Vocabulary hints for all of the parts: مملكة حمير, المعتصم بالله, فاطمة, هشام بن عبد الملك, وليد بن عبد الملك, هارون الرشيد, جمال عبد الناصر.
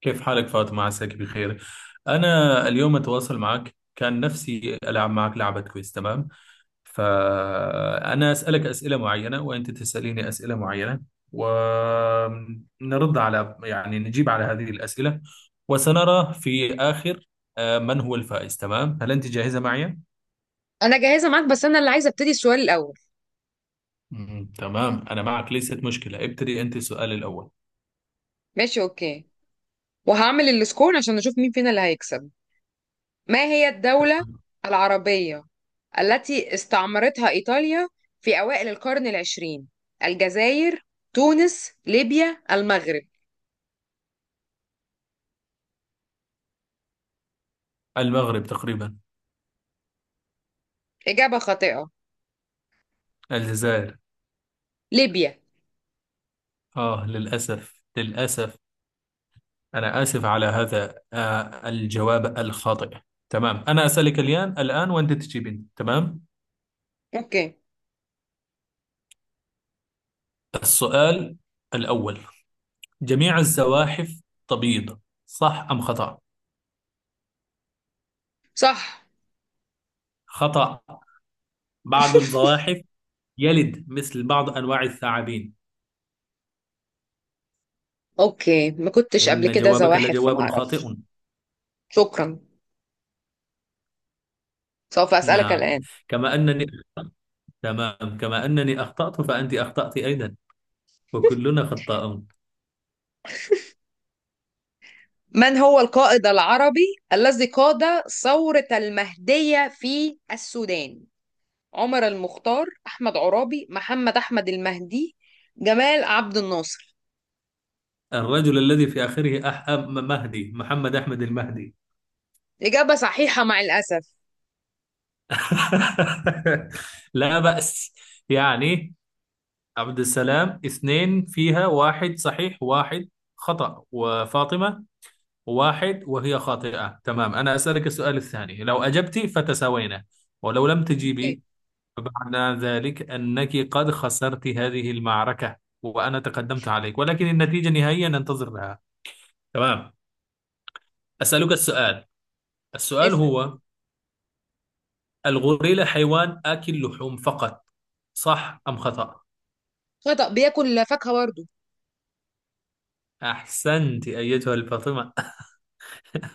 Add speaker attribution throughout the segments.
Speaker 1: كيف حالك فاطمة؟ عساك بخير. أنا اليوم أتواصل معك، كان نفسي ألعب معك لعبة. كويس؟ تمام. فأنا أسألك أسئلة معينة وأنت تسأليني أسئلة معينة، ونرد على، يعني نجيب على هذه الأسئلة، وسنرى في آخر من هو الفائز. تمام. هل أنت جاهزة معي؟
Speaker 2: انا جاهزه معاك، بس انا اللي عايزه ابتدي السؤال الاول.
Speaker 1: تمام، أنا معك، ليست مشكلة. ابتدي أنت السؤال الأول.
Speaker 2: ماشي، اوكي، وهعمل السكور عشان نشوف مين فينا اللي هيكسب. ما هي الدوله العربيه التي استعمرتها ايطاليا في اوائل القرن العشرين؟ الجزائر، تونس، ليبيا، المغرب؟
Speaker 1: المغرب تقريبا.
Speaker 2: اجابه خاطئه.
Speaker 1: الجزائر.
Speaker 2: ليبيا.
Speaker 1: للأسف، للأسف. أنا آسف على هذا الجواب الخاطئ. تمام، أنا أسألك الآن وأنت تجيبين. تمام.
Speaker 2: اوكي.
Speaker 1: السؤال الأول: جميع الزواحف تبيض، صح أم خطأ؟
Speaker 2: صح.
Speaker 1: خطأ. بعض الزواحف يلد مثل بعض أنواع الثعابين.
Speaker 2: اوكي، ما كنتش قبل
Speaker 1: إن
Speaker 2: كده
Speaker 1: جوابك
Speaker 2: زواحف وما
Speaker 1: لجواب
Speaker 2: اعرف.
Speaker 1: خاطئ.
Speaker 2: شكرا. سوف اسالك
Speaker 1: نعم.
Speaker 2: الان.
Speaker 1: كما أنني تمام. كما أنني أخطأت، فأنت أخطأت أيضا، وكلنا خطاؤون.
Speaker 2: من هو القائد العربي الذي قاد ثورة المهدية في السودان؟ عمر المختار، أحمد عرابي، محمد أحمد المهدي، جمال عبد الناصر؟
Speaker 1: الرجل الذي في آخره مهدي، محمد أحمد المهدي.
Speaker 2: إجابة صحيحة مع الأسف.
Speaker 1: لا بأس، يعني عبد السلام اثنين، فيها واحد صحيح واحد خطأ، وفاطمة واحد وهي خاطئة. تمام، أنا أسألك السؤال الثاني، لو أجبتي فتساوينا، ولو لم
Speaker 2: أوكي.
Speaker 1: تجيبي فمعنى ذلك أنك قد خسرت هذه المعركة وأنا تقدمت عليك، ولكن النتيجة نهائيا ننتظر لها. تمام. أسألك السؤال
Speaker 2: اسأل.
Speaker 1: هو: الغوريلا حيوان آكل لحوم فقط، صح أم خطأ؟
Speaker 2: خطأ، بياكل فاكهة برضه.
Speaker 1: أحسنت أيتها الفاطمة.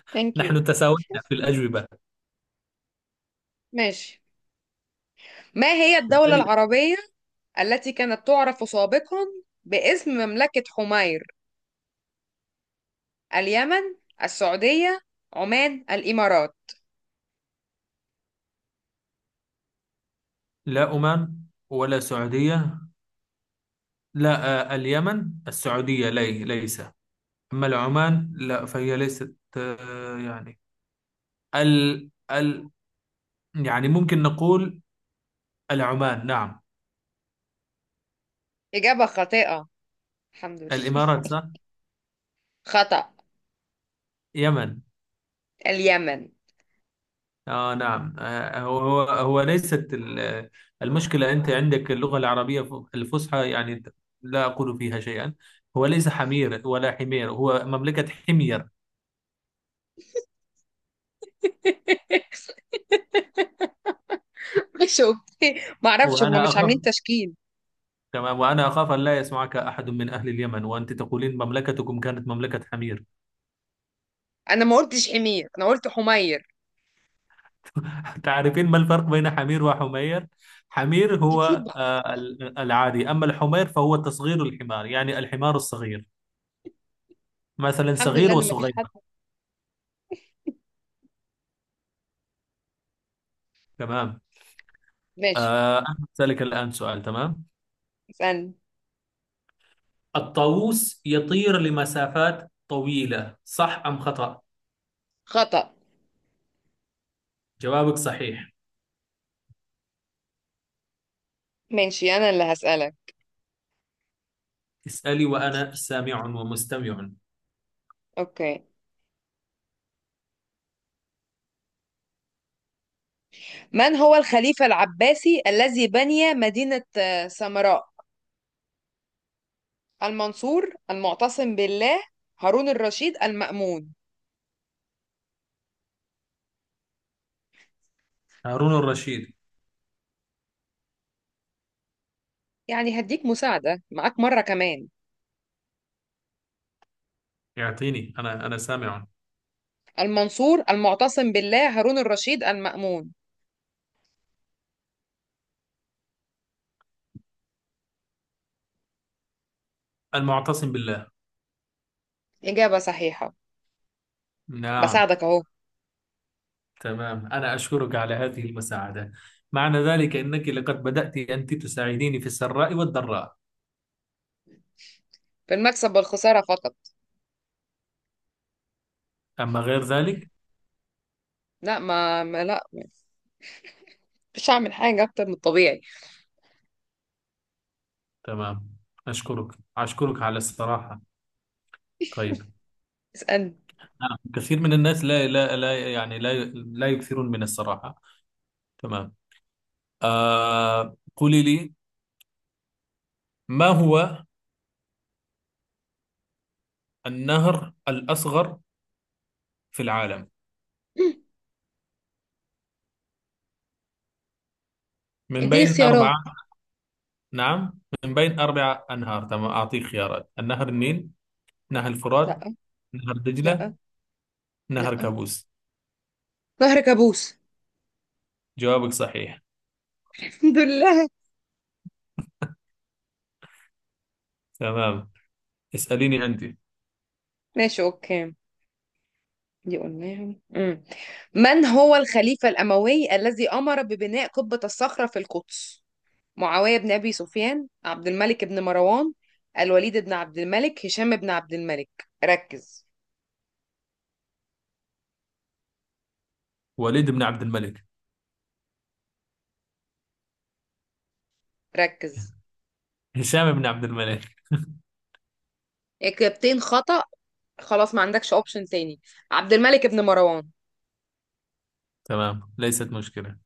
Speaker 2: ثانك يو.
Speaker 1: نحن تساوينا في الأجوبة.
Speaker 2: ماشي. ما هي الدولة
Speaker 1: بالتالي،
Speaker 2: العربية التي كانت تعرف سابقا باسم مملكة حمير؟ اليمن، السعودية، عمان، الإمارات؟
Speaker 1: لا عمان ولا سعودية. لا، اليمن السعودية لي ليس. أما العمان لا فهي ليست، يعني ال يعني ممكن نقول العمان. نعم.
Speaker 2: إجابة خاطئة. الحمد لله.
Speaker 1: الإمارات صح.
Speaker 2: خطأ.
Speaker 1: يمن.
Speaker 2: اليمن.
Speaker 1: اه نعم، هو ليست المشكلة، أنت عندك اللغة العربية الفصحى، يعني لا أقول فيها شيئا. هو ليس حمير ولا حمير، هو مملكة حمير.
Speaker 2: مش اوكي، معرفش، هم
Speaker 1: وأنا
Speaker 2: مش
Speaker 1: أخاف
Speaker 2: عاملين تشكيل.
Speaker 1: كما وأنا أخاف أن لا يسمعك أحد من أهل اليمن وأنت تقولين مملكتكم كانت مملكة حمير.
Speaker 2: أنا ما قلتش حمير، أنا قلت حمير.
Speaker 1: تعرفين ما الفرق بين حمير وحمير؟ حمير
Speaker 2: اكيد
Speaker 1: هو
Speaker 2: بقى.
Speaker 1: العادي، أما الحمير فهو تصغير الحمار، يعني الحمار الصغير، مثلا
Speaker 2: الحمد لله
Speaker 1: صغير
Speaker 2: ان مفيش
Speaker 1: وصغير.
Speaker 2: حد.
Speaker 1: تمام.
Speaker 2: ماشي.
Speaker 1: أنا أسألك الآن سؤال. تمام.
Speaker 2: اسالني.
Speaker 1: الطاووس يطير لمسافات طويلة، صح أم خطأ؟
Speaker 2: خطأ.
Speaker 1: جوابك صحيح.
Speaker 2: ماشي، انا اللي هسألك.
Speaker 1: اسألي وأنا سامع ومستمع.
Speaker 2: اوكي. من هو الخليفة العباسي الذي بني مدينة سامراء؟ المنصور، المعتصم بالله، هارون الرشيد، المأمون؟
Speaker 1: هارون الرشيد.
Speaker 2: يعني هديك مساعدة، معاك مرة كمان.
Speaker 1: يعطيني، أنا سامع.
Speaker 2: المنصور، المعتصم بالله، هارون الرشيد، المأمون.
Speaker 1: المعتصم بالله.
Speaker 2: إجابة صحيحة.
Speaker 1: نعم.
Speaker 2: بساعدك أهو.
Speaker 1: تمام، أنا أشكرك على هذه المساعدة. معنى ذلك أنك لقد بدأت أنت تساعديني في السراء والضراء.
Speaker 2: في المكسب والخسارة فقط.
Speaker 1: أما غير ذلك.
Speaker 2: لا، ما لا. مش هعمل حاجة أكتر من الطبيعي.
Speaker 1: تمام، أشكرك على الصراحة. طيب.
Speaker 2: اسألني.
Speaker 1: نعم، كثير من الناس لا يعني لا يكثرون من الصراحة. تمام. قولي لي، ما هو النهر الأصغر في العالم؟ من
Speaker 2: اديني
Speaker 1: بين
Speaker 2: اختيارات.
Speaker 1: أربعة. نعم، من بين أربع أنهار. تمام، أعطيك خيارات: النهر النيل، نهر الفرات،
Speaker 2: لا،
Speaker 1: نهر
Speaker 2: لا،
Speaker 1: دجلة، نهر
Speaker 2: لا.
Speaker 1: كابوس.
Speaker 2: نهر كابوس.
Speaker 1: جوابك صحيح.
Speaker 2: الحمد لله.
Speaker 1: تمام. اسأليني أنت.
Speaker 2: ماشي، اوكي. دي قلناها. مم. من هو الخليفة الأموي الذي أمر ببناء قبة الصخرة في القدس؟ معاوية بن أبي سفيان، عبد الملك بن مروان، الوليد بن عبد الملك، هشام بن عبد الملك؟ ركز.
Speaker 1: وليد بن عبد الملك.
Speaker 2: ركز.
Speaker 1: هشام بن عبد الملك.
Speaker 2: إجابتين خطأ. خلاص، ما عندكش أوبشن تاني. عبد الملك بن مروان.
Speaker 1: تمام، ليست مشكلة.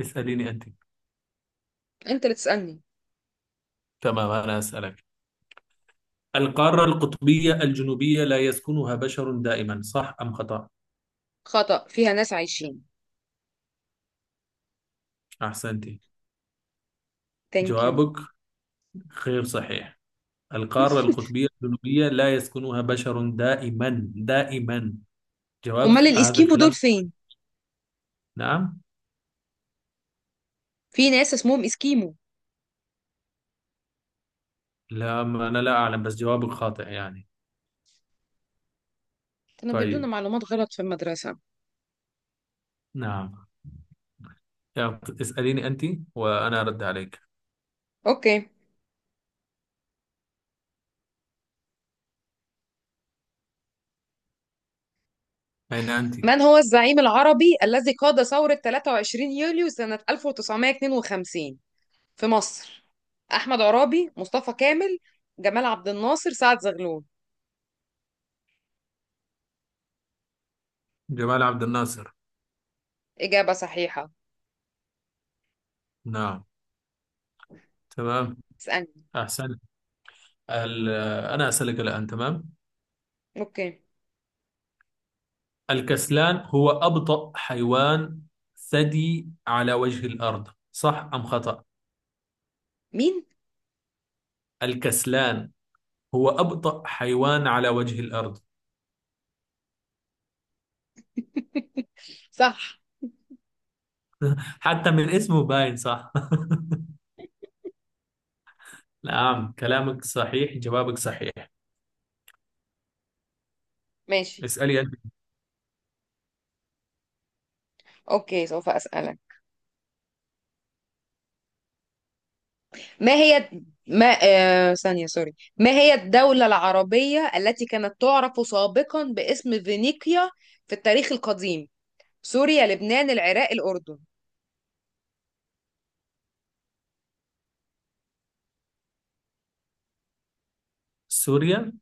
Speaker 1: اسأليني أنت.
Speaker 2: أنت اللي تسألني.
Speaker 1: تمام، أنا أسألك: القارة القطبية الجنوبية لا يسكنها بشر دائما، صح أم خطأ؟
Speaker 2: خطأ، فيها ناس عايشين.
Speaker 1: أحسنت.
Speaker 2: ثانك يو.
Speaker 1: جوابك غير صحيح. القارة القطبية الجنوبية لا يسكنها بشر دائما دائما. جواب
Speaker 2: أمال
Speaker 1: هذا
Speaker 2: الإسكيمو
Speaker 1: الكلام.
Speaker 2: دول فين؟
Speaker 1: نعم.
Speaker 2: في ناس اسمهم إسكيمو.
Speaker 1: لا، ما أنا لا أعلم، بس جوابك خاطئ يعني.
Speaker 2: كانوا بيدونا
Speaker 1: طيب.
Speaker 2: معلومات غلط في المدرسة.
Speaker 1: نعم. يلا، اسأليني أنت وأنا أرد عليك.
Speaker 2: أوكي.
Speaker 1: أين أنت؟
Speaker 2: من هو الزعيم العربي الذي قاد ثورة 23 يوليو سنة 1952 في مصر؟ أحمد عرابي، مصطفى كامل، جمال عبد الناصر، سعد زغلول؟
Speaker 1: جمال عبد الناصر.
Speaker 2: إجابة صحيحة.
Speaker 1: نعم. تمام.
Speaker 2: اسألني.
Speaker 1: أحسن ال- أنا أسألك الآن. تمام.
Speaker 2: أوكي.
Speaker 1: الكسلان هو أبطأ حيوان ثدي على وجه الأرض، صح أم خطأ؟
Speaker 2: مين؟
Speaker 1: الكسلان هو أبطأ حيوان على وجه الأرض.
Speaker 2: صح.
Speaker 1: حتى من اسمه باين صح. نعم، كلامك صحيح، جوابك صحيح.
Speaker 2: ماشي.
Speaker 1: اسألي أنت.
Speaker 2: أوكي، سوف أسألك. ما هي، ما آه... ثانية سوري، ما هي الدولة العربية التي كانت تعرف سابقا باسم فينيقيا في التاريخ القديم؟ سوريا، لبنان، العراق، الأردن؟
Speaker 1: سوريا.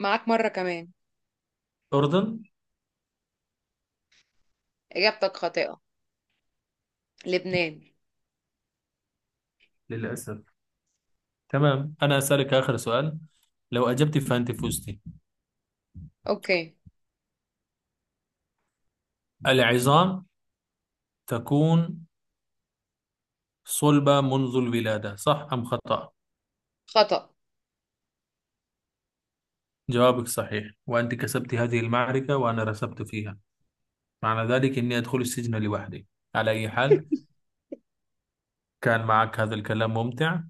Speaker 2: معاك مرة كمان.
Speaker 1: أردن.
Speaker 2: إجابتك خاطئة. لبنان.
Speaker 1: للأسف. تمام، أنا أسألك آخر سؤال، لو أجبت فأنت فزتي.
Speaker 2: أوكي.
Speaker 1: العظام تكون صلبة منذ الولادة، صح أم خطأ؟
Speaker 2: خطأ.
Speaker 1: جوابك صحيح، وأنت كسبت هذه المعركة وأنا رسبت فيها. معنى ذلك إني أدخل السجن لوحدي. على أي حال، كان معك هذا الكلام ممتع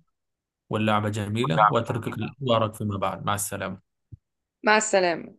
Speaker 1: واللعبة جميلة، وأتركك لأخبارك فيما بعد. مع السلامة.
Speaker 2: مع السلامة.